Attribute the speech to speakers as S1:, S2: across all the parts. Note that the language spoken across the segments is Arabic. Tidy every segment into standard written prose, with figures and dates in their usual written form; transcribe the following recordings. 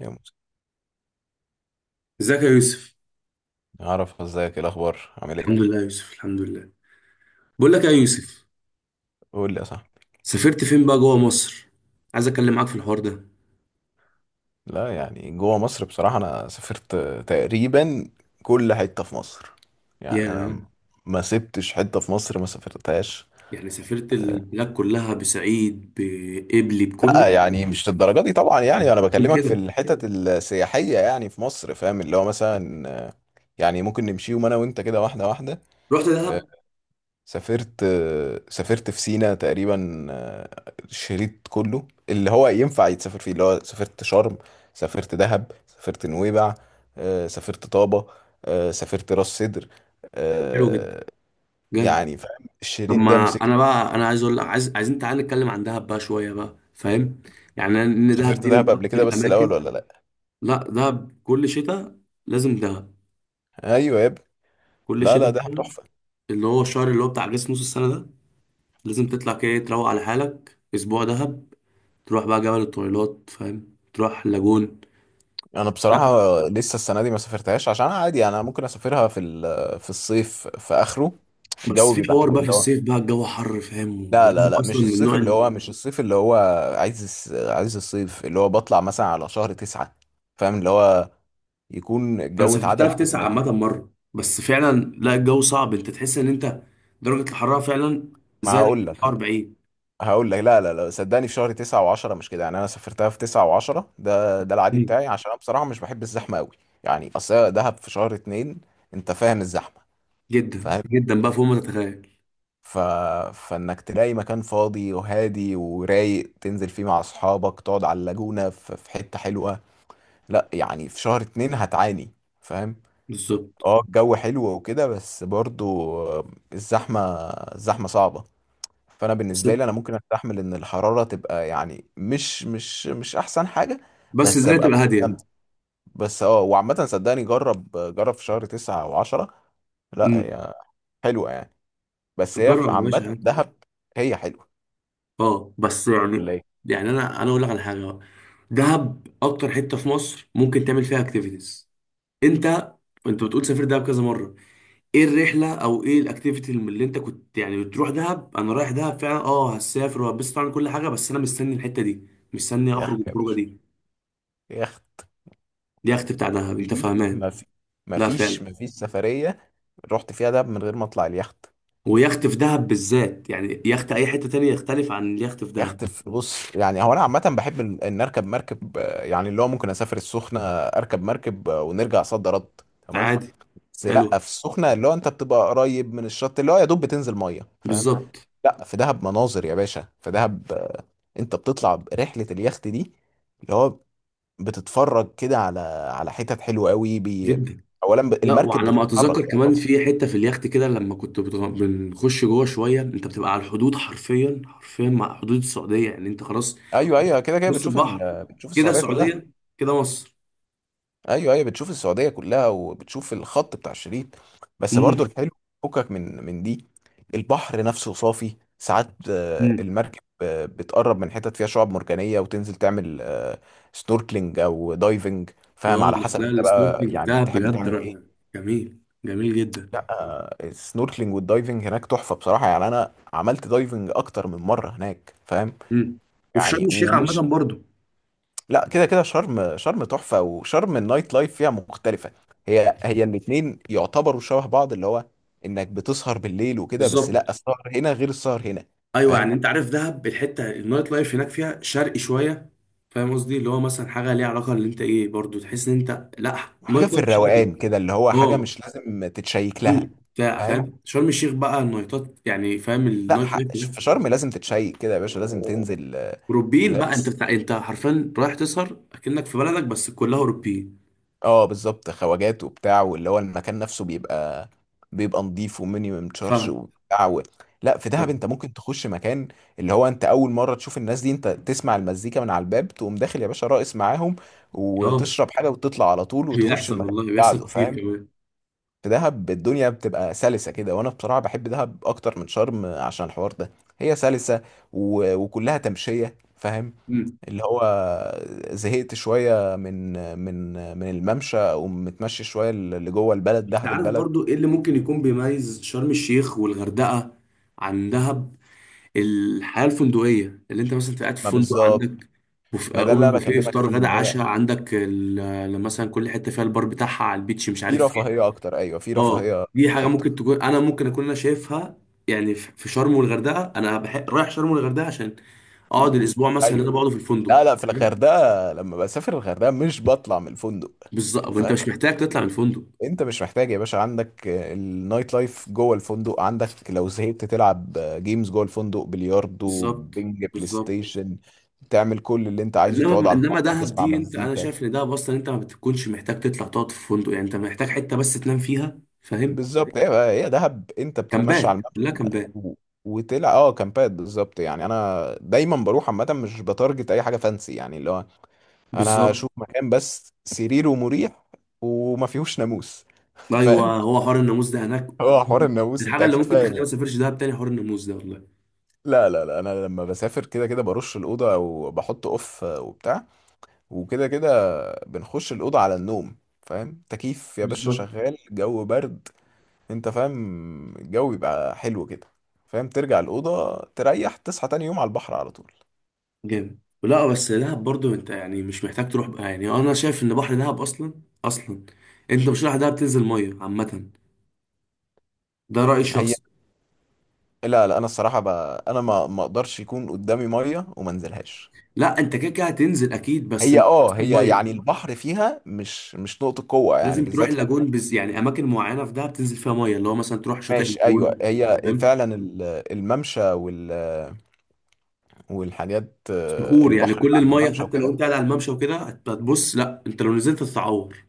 S1: يا موسى،
S2: ازيك يا يوسف؟
S1: اعرف ازيك؟ ايه الاخبار؟ عامل
S2: الحمد
S1: ايه؟
S2: لله يا يوسف، الحمد لله. بقول لك يا يوسف،
S1: قول لي يا صاحبي.
S2: سافرت فين بقى جوه مصر؟ عايز اتكلم معاك في الحوار ده.
S1: لا يعني جوه مصر بصراحه انا سافرت تقريبا كل حته في مصر،
S2: يا
S1: يعني انا ما سبتش حته في مصر ما سافرتهاش.
S2: يعني سافرت البلاد كلها، بصعيد، بقبلي، بكله؟
S1: لا يعني مش للدرجه دي طبعا، يعني انا
S2: بتقول
S1: بكلمك في
S2: كده،
S1: الحتت السياحيه يعني في مصر، فاهم اللي هو مثلا يعني ممكن نمشيهم انا وانت كده واحده واحده.
S2: رحت دهب.
S1: سافرت سافرت في سينا تقريبا الشريط كله اللي هو ينفع يتسافر فيه، اللي هو سافرت شرم، سافرت دهب، سافرت نويبع، سافرت طابة، سافرت راس سدر،
S2: حلو جدا،
S1: آه،
S2: جامد.
S1: يعني فاهم
S2: طب
S1: الشريط ده
S2: ما
S1: مسكت.
S2: انا عايز اقول لك، عايزين تعالى نتكلم عن دهب بقى شويه بقى، فاهم؟ يعني ان دهب
S1: سافرت
S2: دي
S1: دهب
S2: من
S1: قبل
S2: اكتر
S1: كده بس
S2: الاماكن.
S1: الأول ولا لأ؟
S2: لا، دهب كل شتاء لازم دهب،
S1: أيوة يا ابني.
S2: كل
S1: لا لا،
S2: شتاء
S1: دهب
S2: كده،
S1: تحفة.
S2: اللي هو الشهر اللي هو بتاع جسم نص السنه ده لازم تطلع كده تروق على حالك اسبوع دهب، تروح بقى جبل الطويلات، فاهم، تروح لاجون.
S1: أنا
S2: لا،
S1: بصراحة لسه السنة دي ما سافرتهاش عشان عادي، يعني أنا ممكن أسافرها في الصيف في آخره.
S2: بس
S1: الجو
S2: في
S1: بيبقى
S2: حوار
S1: حلو
S2: بقى في
S1: اللي هو.
S2: الصيف بقى الجو حر، فاهم،
S1: لا
S2: وده
S1: لا لا،
S2: اصلا
S1: مش
S2: من
S1: الصيف
S2: النوع
S1: اللي
S2: اللي،
S1: هو، مش الصيف اللي هو. عايز الصيف اللي هو بطلع مثلا على شهر تسعة، فاهم اللي هو يكون
S2: انا
S1: الجو
S2: سافرتها
S1: اتعدل
S2: في تسعة
S1: سنة كده.
S2: عامة مرة، بس فعلا لا الجو صعب، انت تحس ان انت درجة الحرارة فعلا
S1: ما
S2: زادت
S1: هقول لك
S2: 40.
S1: هقول لك لا لا لا، صدقني، في شهر تسعة وعشرة مش كده، يعني انا سافرتها في تسعة وعشرة، ده العادي
S2: مم.
S1: بتاعي، عشان انا بصراحة مش بحب الزحمة قوي. يعني اصل هي دهب في شهر اتنين، انت فاهم الزحمة،
S2: جدا
S1: فاهم؟
S2: جدا بقى فوق ما تتخيل.
S1: ف... فانك تلاقي مكان فاضي وهادي ورايق تنزل فيه مع اصحابك، تقعد على اللاجونة في حتة حلوة. لا يعني في شهر اتنين هتعاني، فاهم.
S2: بالظبط.
S1: اه الجو حلو وكده بس برضو الزحمة الزحمة صعبة. فانا
S2: بس
S1: بالنسبة لي انا ممكن استحمل ان الحرارة تبقى، يعني مش احسن حاجة،
S2: بس
S1: بس
S2: الدنيا
S1: ابقى
S2: تبقى هادية.
S1: مستمتع. بس اه، وعامة صدقني جرب جرب في شهر تسعة او عشرة. لا
S2: امم
S1: هي حلوة يعني، بس هي
S2: جرب
S1: في
S2: يا
S1: عامة
S2: باشا عادي.
S1: دهب هي حلوة،
S2: اه بس
S1: ولا
S2: يعني،
S1: ايه؟
S2: يعني انا اقول لك على حاجة بقى، دهب اكتر حتة في مصر ممكن تعمل فيها اكتيفيتيز. انت انت بتقول سافر دهب كذا مره، ايه الرحله او ايه الاكتيفيتي اللي انت كنت يعني بتروح دهب؟ انا رايح دهب فعلا، اه هسافر وهبسط طبعا كل حاجه، بس انا مستني الحته دي، مستني اخرج
S1: يخت يا
S2: الخروجه
S1: باشا،
S2: دي.
S1: يخت.
S2: دي يخت بتاع دهب، انت
S1: دي
S2: فاهمان؟
S1: ما
S2: لا
S1: فيش
S2: فعلا.
S1: ما فيش سفرية رحت فيها دهب من غير ما اطلع اليخت.
S2: ويخت في دهب بالذات، يعني يخت اي حته تانية يختلف عن اليخت في دهب.
S1: بص، يعني هو انا عامه بحب ان اركب مركب، يعني اللي هو ممكن اسافر السخنه اركب مركب، ونرجع صد رد، تمام.
S2: عادي.
S1: بس لا
S2: حلو.
S1: في السخنه اللي هو انت بتبقى قريب من الشط، اللي هو يا دوب بتنزل ميه، فاهم.
S2: بالظبط.
S1: لا في دهب مناظر يا باشا، في دهب انت بتطلع رحله اليخت دي، اللي هو بتتفرج كده على حتت حلوه قوي
S2: جدا.
S1: اولا
S2: لا،
S1: المركب
S2: وعلى ما
S1: بتتحرك
S2: اتذكر
S1: يعني
S2: كمان
S1: طبعا.
S2: في حته في اليخت كده، لما كنت بنخش جوه شويه انت بتبقى على الحدود، حرفيا حرفيا مع حدود السعوديه، يعني انت خلاص
S1: ايوه ايوه، كده كده
S2: نص
S1: بتشوف
S2: البحر
S1: بتشوف
S2: كده
S1: السعوديه كلها.
S2: السعوديه، كده مصر.
S1: ايوه ايوه، بتشوف السعوديه كلها وبتشوف الخط بتاع الشريط. بس برضو
S2: امم
S1: الحلو فكك من دي. البحر نفسه صافي ساعات،
S2: امم
S1: المركب بتقرب من حتت فيها شعاب مرجانيه، وتنزل تعمل سنوركلينج او دايفنج، فاهم،
S2: اه
S1: على حسب
S2: لا
S1: انت بقى
S2: السنوركلينج
S1: يعني
S2: بتاعها
S1: تحب
S2: بجد
S1: تعمل ايه.
S2: جميل، جميل جدا.
S1: لا السنوركلينج والدايفنج هناك تحفه بصراحه، يعني انا عملت دايفنج اكتر من مره هناك، فاهم.
S2: امم وفي
S1: يعني
S2: شرم الشيخ عامه
S1: ومش،
S2: برضو.
S1: لا كده كده شرم تحفة، وشرم النايت لايف فيها مختلفة. هي هي الاتنين يعتبروا شبه بعض، اللي هو انك بتسهر بالليل وكده، بس
S2: بالظبط.
S1: لا السهر هنا غير السهر هنا،
S2: ايوه، يعني
S1: فاهم.
S2: انت عارف دهب الحته النايت لايف هناك فيها شرقي شويه، فاهم قصدي، اللي هو مثلا حاجه ليها علاقه اللي انت ايه، برضو تحس ان انت لا
S1: حاجة
S2: نايت
S1: في
S2: لايف شرقي.
S1: الروقان كده اللي هو حاجة
S2: اه،
S1: مش لازم تتشيك
S2: هدوء
S1: لها،
S2: بتاع،
S1: فاهم.
S2: فاهم. شرم الشيخ بقى النايتات يعني، فاهم
S1: لا
S2: النايت لايف هناك
S1: في شرم لازم تتشيك كده يا باشا، لازم تنزل
S2: اوروبيين بقى،
S1: لابس.
S2: انت حرفيا رايح تسهر اكنك في بلدك بس كلها اوروبيين.
S1: اه بالظبط، خواجات وبتاع، واللي هو المكان نفسه بيبقى نظيف ومينيمم تشارج
S2: فاهم
S1: وبتاع لا في دهب
S2: فاهم.
S1: انت ممكن تخش مكان اللي هو انت اول مره تشوف الناس دي، انت تسمع المزيكا من على الباب تقوم داخل يا باشا راقص معاهم،
S2: اه
S1: وتشرب حاجه وتطلع على طول وتخش
S2: بيحصل،
S1: المكان
S2: والله
S1: اللي
S2: بيحصل
S1: بعده،
S2: كتير
S1: فاهم.
S2: كمان.
S1: في دهب الدنيا بتبقى سلسه كده، وانا بصراحه بحب دهب اكتر من شرم عشان الحوار ده. هي سلسه وكلها تمشيه، فاهم،
S2: امم
S1: اللي هو زهقت شوية من الممشى، أو متمشي شوية اللي جوه البلد،
S2: انت
S1: دهب
S2: عارف
S1: البلد.
S2: برضو ايه اللي ممكن يكون بيميز شرم الشيخ والغردقة عن دهب؟ الحياة الفندقية، اللي انت مثلا قاعد في
S1: ما
S2: فندق،
S1: بالظبط.
S2: عندك بوف...
S1: ما
S2: آه،
S1: ده اللي
S2: اوبن
S1: أنا
S2: بوفيه،
S1: بكلمك
S2: افطار،
S1: فيه،
S2: غدا،
S1: إن هي
S2: عشاء، عندك ال... آه، مثلا كل حتة فيها البار بتاعها على البيتش مش
S1: في
S2: عارف فين.
S1: رفاهية أكتر، أيوه في
S2: اه
S1: رفاهية
S2: دي حاجة
S1: أكتر،
S2: ممكن تكون انا ممكن اكون انا شايفها، يعني في في شرم والغردقة انا رايح شرم والغردقة عشان اقعد الاسبوع مثلا اللي انا
S1: أيوه.
S2: بقعده في الفندق.
S1: لا لا، في الغردقة لما بسافر الغردقة مش بطلع من الفندق،
S2: بالظبط، وانت
S1: فاهم.
S2: مش محتاج تطلع من الفندق.
S1: أنت مش محتاج يا باشا، عندك النايت لايف جوه الفندق، عندك لو زهقت تلعب جيمز جوه الفندق، بلياردو،
S2: بالظبط
S1: بينج، بلاي
S2: بالظبط.
S1: ستيشن، تعمل كل اللي أنت عايزه، تقعد
S2: انما
S1: على
S2: انما
S1: البحر
S2: دهب
S1: تسمع
S2: دي، انت انا
S1: مزيكا،
S2: شايف ان دهب اصلا انت ما بتكونش محتاج تطلع تقعد في فندق، يعني انت محتاج حته بس تنام فيها، فاهم.
S1: بالظبط. هي دهب انت بتتمشى
S2: كامبات،
S1: على الممشى
S2: كلها كامبات.
S1: و- وتلع كامبات بالظبط. يعني انا دايما بروح عامه مش بتارجت اي حاجه فانسي، يعني اللي هو انا
S2: بالظبط.
S1: اشوف مكان بس سريره مريح وما فيهوش ناموس
S2: ايوه
S1: فاهم.
S2: هو حوار الناموس ده هناك.
S1: هو حوار الناموس انت
S2: الحاجه اللي
S1: اكيد
S2: ممكن
S1: فاهم،
S2: تخليني ما
S1: يعني
S2: اسافرش دهب تاني حوار الناموس ده، والله.
S1: لا لا لا، انا لما بسافر كده كده برش الاوضه او بحط اوف وبتاع، وكده كده بنخش الاوضه على النوم، فاهم، تكييف يا باشا
S2: بالظبط.
S1: شغال، جو برد. انت فاهم الجو يبقى حلو كده، فاهم، ترجع الأوضة تريح تصحى تاني يوم على البحر على طول.
S2: جامد. لا بس دهب برضو انت يعني مش محتاج تروح بقى، يعني انا شايف ان بحر دهب اصلا، اصلا انت مش رايح دهب تنزل ميه عامه، ده رايي
S1: هي
S2: الشخصي.
S1: لا لا، انا الصراحة بقى انا ما اقدرش يكون قدامي مية وما انزلهاش.
S2: لا انت كده كده هتنزل اكيد، بس
S1: هي
S2: مش احسن
S1: هي
S2: ميه.
S1: يعني البحر فيها مش نقطة قوة يعني،
S2: لازم تروح
S1: بالذات لان
S2: اللاجون، بز يعني اماكن معينه في دهب تنزل فيها ميه، اللي هو مثلا تروح شاطئ
S1: ماشي ايوه،
S2: اللاجون،
S1: هي
S2: فاهم.
S1: فعلا الممشى والحاجات
S2: صخور، يعني
S1: البحر
S2: كل
S1: اللي عند
S2: الميه
S1: الممشى
S2: حتى لو
S1: وكده.
S2: انت قاعد على الممشى وكده هتبص، لا انت لو نزلت تتعور.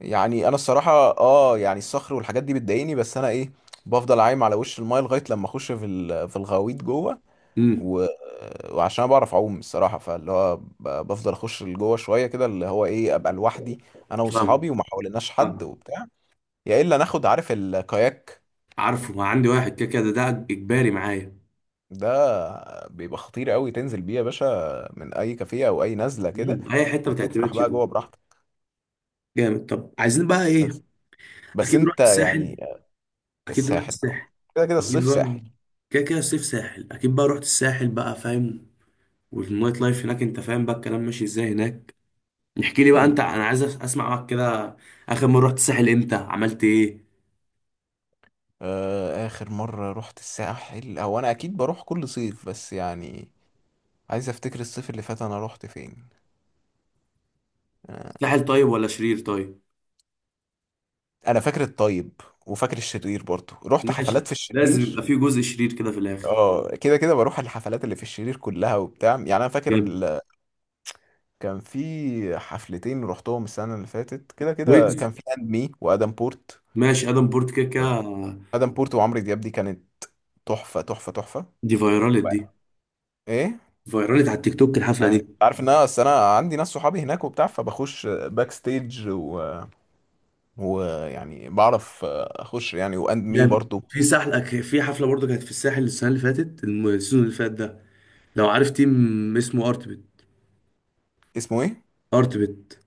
S1: يعني انا الصراحة اه يعني الصخر والحاجات دي بتضايقني، بس انا ايه، بفضل عايم على وش المايه لغايه لما اخش في الغويط جوه
S2: امم
S1: و... وعشان انا بعرف اعوم الصراحه، فاللي هو بفضل اخش لجوه شويه كده، اللي هو ايه، ابقى لوحدي انا واصحابي
S2: فاهم
S1: وما حواليناش حد
S2: فاهم.
S1: وبتاع. يا الا ناخد، عارف الكاياك؟
S2: عارفه، عندي واحد كده كده ده اجباري معايا.
S1: ده بيبقى خطير قوي تنزل بيه يا باشا، من اي كافيه او اي نزله كده،
S2: اي حته ما
S1: وتفرح
S2: تعتمدش
S1: بقى
S2: ده.
S1: جوه براحتك.
S2: جامد. طب عايزين بقى ايه؟
S1: بس بس
S2: اكيد
S1: انت
S2: رحت
S1: يعني
S2: الساحل، اكيد رحت
S1: الساحل طبعا،
S2: الساحل،
S1: كده كده
S2: اكيد
S1: الصيف ساحل.
S2: بقى. كده كده الصيف ساحل، اكيد بقى رحت الساحل بقى، فاهم. والنايت لايف هناك انت فاهم بقى الكلام ماشي ازاي هناك. احكي لي بقى انت،
S1: امم
S2: انا عايز اسمع معاك كده، اخر مره رحت الساحل امتى؟ عملت ايه؟
S1: اخر مره رحت الساحل، هو انا اكيد بروح كل صيف، بس يعني عايز افتكر الصيف اللي فات انا رحت فين. آه،
S2: ساحل طيب ولا شرير طيب؟
S1: انا فاكر الطيب، وفاكر الشرير برضه، رحت حفلات
S2: ماشي،
S1: في
S2: لازم
S1: الشرير.
S2: يبقى في جزء شرير كده في الاخر.
S1: اه كده كده بروح الحفلات اللي في الشرير كلها وبتاع، يعني انا فاكر
S2: جامد.
S1: كان في حفلتين رحتهم السنه اللي فاتت، كده كده
S2: ويجز.
S1: كان في اند مي وادم بورت.
S2: ماشي، ادم بورت كده كده.
S1: ادم بورت وعمرو دياب، دي كانت تحفه تحفه تحفه.
S2: دي فايرالت دي،
S1: ايه؟
S2: فايرالت على التيك توك الحفله دي.
S1: عارف ان انا اصل انا عندي ناس صحابي هناك وبتاع، فبخش باك ستيج ويعني بعرف اخش، يعني واند مي
S2: جامد.
S1: برضو.
S2: في ساحل في حفله برضه كانت في الساحل السنه اللي فاتت، السيزون اللي فات ده، لو عارف تيم اسمه ارتبت.
S1: اسمه ايه؟
S2: ارتبت.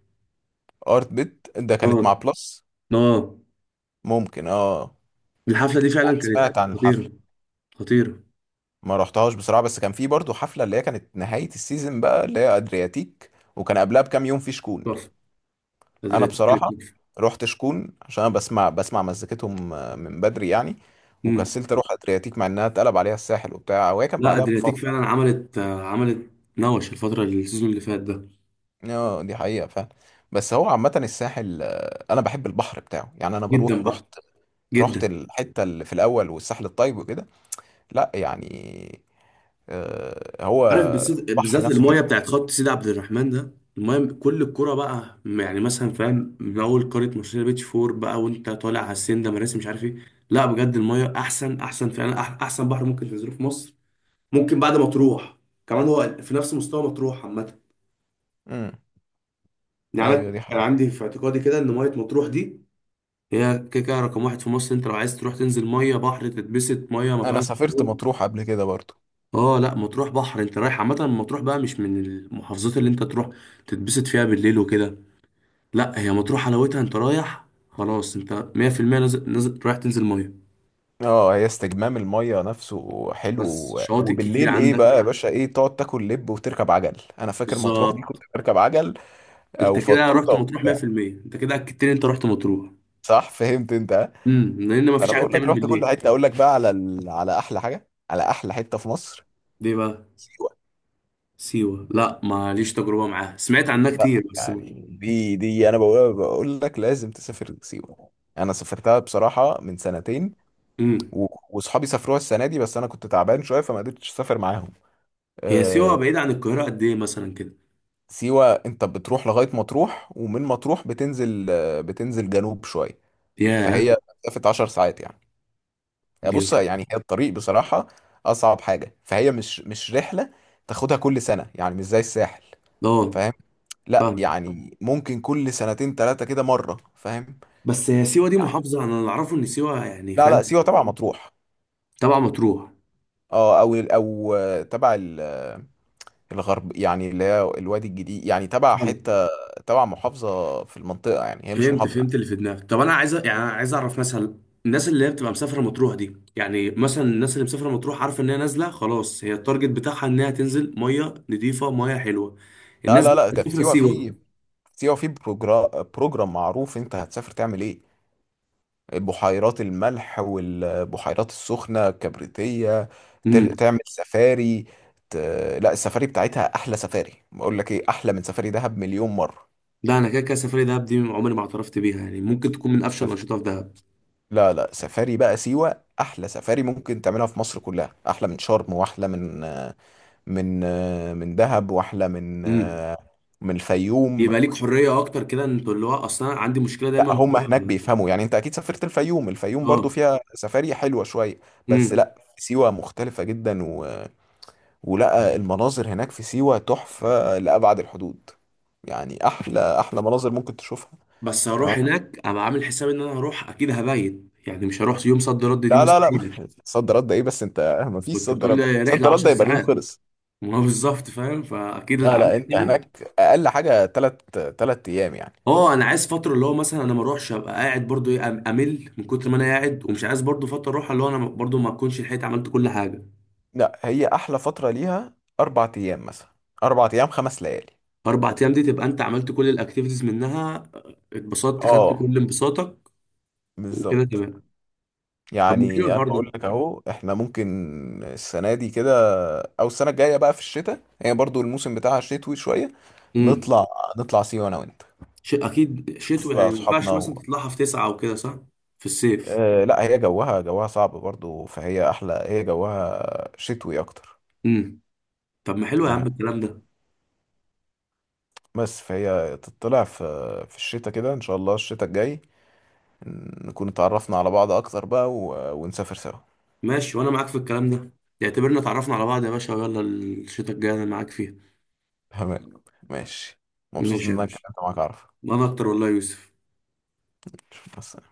S1: ارت بيت ده
S2: اه.
S1: كانت مع بلس.
S2: اه.
S1: ممكن اه.
S2: الحفله دي فعلا
S1: يعني
S2: كانت
S1: سمعت عن
S2: خطيره.
S1: الحفله
S2: خطيره.
S1: ما رحتهاش بصراحه، بس كان في برضو حفله اللي هي كانت نهايه السيزون بقى، اللي هي ادرياتيك، وكان قبلها بكام يوم في شكون.
S2: تحفه، كانت
S1: انا
S2: كانت
S1: بصراحه
S2: تحفه.
S1: رحت شكون عشان انا بسمع مزيكتهم من بدري يعني، وكسلت اروح ادرياتيك مع انها اتقلب عليها الساحل وبتاع، وهي كان
S2: لا
S1: بعدها
S2: ادرياتيك فعلا
S1: بفتره.
S2: عملت عملت نوش الفتره، السيزون اللي فات ده.
S1: يعني دي حقيقه فعلا. بس هو عامه الساحل، انا بحب البحر بتاعه، يعني انا
S2: جدا
S1: بروح، رحت
S2: بقى،
S1: رحت
S2: جدا.
S1: الحته اللي في الاول والساحل الطيب وكده. لا يعني هو
S2: عارف بالذات،
S1: البحر
S2: بالذات
S1: نفسه
S2: المايه
S1: حلو.
S2: بتاعت خط سيدي عبد الرحمن ده، المايه كل الكرة بقى، يعني مثلا فاهم من اول قاره، مارسيليا بيتش فور بقى، وانت طالع على السن ده، مراسي مش عارف ايه. لا بجد المايه احسن احسن فعلا، احسن بحر ممكن تنزله في مصر ممكن بعد ما تروح، كمان هو في نفس مستوى مطروح عامه.
S1: امم،
S2: يعني
S1: ايوه
S2: انا
S1: دي
S2: كان
S1: حقيقة.
S2: عندي في اعتقادي كده ان ميه مطروح دي هي كده كده رقم واحد في مصر، انت لو عايز تروح تنزل ميه بحر تتبسط، ميه ما
S1: انا
S2: فيهاش
S1: سافرت
S2: صخور.
S1: مطروح قبل كده برضو.
S2: اه لا مطروح بحر، انت رايح عامه مطروح بقى مش من المحافظات اللي انت تروح تتبسط فيها بالليل وكده. لا هي مطروح حلاوتها، انت رايح خلاص انت 100% نازل نازل رايح تنزل ميه.
S1: اه هي استجمام المية نفسه حلو،
S2: بس شواطئ كتير
S1: وبالليل ايه
S2: عندك.
S1: بقى يا باشا، ايه، تقعد تاكل لب وتركب عجل، انا فاكر مطروح دي
S2: بالظبط.
S1: كنت بركب عجل او
S2: انت كده
S1: فطوطة
S2: رحت مطروح
S1: وبتاع.
S2: 100%، انت كده اكدت لي انت رحت مطروح.
S1: صح، فهمت انت ها؟
S2: لان ما فيش
S1: انا
S2: حاجه
S1: بقول لك
S2: تعمل
S1: رحت كل
S2: بالليل.
S1: حتة، اقول لك بقى على على احلى حاجة على احلى حتة في مصر:
S2: ليه بقى؟
S1: سيوة.
S2: سيوه لا ماليش تجربه معاها، سمعت عنها
S1: لا
S2: كتير بس.
S1: يعني دي انا بقول لك لازم تسافر سيوة. انا سافرتها بصراحة من سنتين،
S2: امم
S1: وصحابي سافروها السنه دي، بس انا كنت تعبان شويه فما قدرتش اسافر معاهم،
S2: هي سيوة
S1: آه،
S2: بعيدة عن القاهرة قد إيه مثلا كده؟
S1: سيوه انت بتروح لغايه مطروح، ومن مطروح بتنزل جنوب شويه،
S2: ياه.
S1: فهي مسافه 10 ساعات يعني.
S2: دي
S1: بص يعني هي الطريق بصراحه اصعب حاجه، فهي مش رحله تاخدها كل سنه يعني، مش زي الساحل،
S2: اه،
S1: فاهم. لا
S2: فاهم.
S1: يعني ممكن كل سنتين ثلاثه كده مره، فاهم.
S2: بس هي سيوة دي
S1: يعني
S2: محافظة، أنا اللي أعرفه إن سيوة يعني
S1: لا لا
S2: فاهم.
S1: سيوه تبع مطروح.
S2: تبع مطروح.
S1: اه او تبع الغرب يعني، اللي هي الوادي الجديد يعني، تبع
S2: فاهم.
S1: حتة، تبع محافظة في المنطقة، يعني هي مش
S2: فهمت
S1: محافظة
S2: فهمت
S1: يعني.
S2: اللي في دماغك. طب أنا عايز يعني أنا عايز أعرف مثلا الناس اللي هي بتبقى مسافرة مطروح دي، يعني مثلا الناس اللي مسافرة مطروح عارفة إن هي نازلة خلاص، هي التارجت بتاعها إنها تنزل مية نضيفة مية حلوة،
S1: لا
S2: الناس
S1: لا
S2: دي
S1: لا، ده في
S2: مسافرة
S1: سيوة، في
S2: سيوة؟
S1: في سيوة في بروجرام معروف انت هتسافر تعمل ايه: بحيرات الملح والبحيرات السخنة الكبريتية،
S2: امم
S1: تعمل سفاري ت... لا السفاري بتاعتها احلى سفاري، بقول لك ايه، احلى من سفاري دهب مليون مرة.
S2: لا أنا كده كده سفرية دهب دي عمري ما اعترفت بيها، يعني ممكن تكون من أفشل
S1: سف...
S2: الأنشطة في دهب.
S1: لا لا، سفاري بقى سيوة احلى سفاري ممكن تعملها في مصر كلها، احلى من شرم، واحلى من من دهب، واحلى
S2: امم
S1: من الفيوم.
S2: يبقى ليك حريه اكتر كده، انت اللي هو اصلا أنا عندي مشكله
S1: لا
S2: دايما
S1: هم هناك
S2: في-.
S1: بيفهموا، يعني انت اكيد سافرت الفيوم، الفيوم برضو
S2: اه.
S1: فيها سفاري حلوة شوية، بس
S2: امم
S1: لا سيوة مختلفة جدا ولا المناظر هناك في سيوة تحفة لأبعد الحدود، يعني احلى احلى مناظر ممكن تشوفها.
S2: بس
S1: تمام.
S2: هروح هناك ابقى عامل حساب ان انا هروح اكيد هبيت، يعني مش هروح يوم صد رد، دي
S1: لا لا لا
S2: مستحيله.
S1: صد رد ايه بس انت ما فيش
S2: كنت
S1: صد
S2: بتقول
S1: رد،
S2: لي رحله
S1: صد رد
S2: 10
S1: يبقى اليوم
S2: ساعات.
S1: خلص.
S2: ما هو بالظبط، فاهم، فاكيد اللي
S1: لا
S2: عامل
S1: لا، انت
S2: حسابي.
S1: هناك اقل حاجة 3 3 ايام يعني.
S2: اه انا عايز فتره، اللي هو مثلا انا ما اروحش ابقى قاعد برضو ايه، امل من كتر ما انا قاعد، ومش عايز برضو فتره اروح اللي هو انا برضو ما اكونش لحقت عملت كل حاجه.
S1: لا هي احلى فتره ليها 4 ايام مثلا، 4 ايام 5 ليالي،
S2: اربع ايام دي تبقى انت عملت كل الاكتيفيتيز منها، اتبسطت، خدت
S1: اه
S2: كل انبساطك، وكده
S1: بالظبط.
S2: تمام. طب ما حلو
S1: يعني انا
S2: النهارده.
S1: بقول لك اهو احنا ممكن السنه دي كده، او السنه الجايه بقى في الشتاء، هي برضو الموسم بتاعها شتوي شويه،
S2: امم
S1: نطلع نطلع سيوه انا وانت،
S2: شيء اكيد شتوي،
S1: نشوف بقى
S2: يعني ما ينفعش
S1: اصحابنا
S2: مثلا تطلعها في تسعة او كده، صح. في الصيف.
S1: لا هي جوها صعب برضو، فهي احلى، هي جوها شتوي اكتر.
S2: امم طب ما حلو يا عم
S1: يعني
S2: الكلام ده.
S1: بس فهي تطلع في الشتاء كده، ان شاء الله الشتاء الجاي نكون اتعرفنا على بعض اكتر بقى ونسافر سوا.
S2: ماشي، وانا معاك في الكلام ده، اعتبرنا اتعرفنا على بعض يا باشا، ويلا الشتاء الجاي انا معاك فيها.
S1: تمام ماشي، مبسوط ان
S2: ماشي يا
S1: انا
S2: باشا.
S1: اتكلمت معاك.
S2: انا اكتر والله يا يوسف.
S1: عارف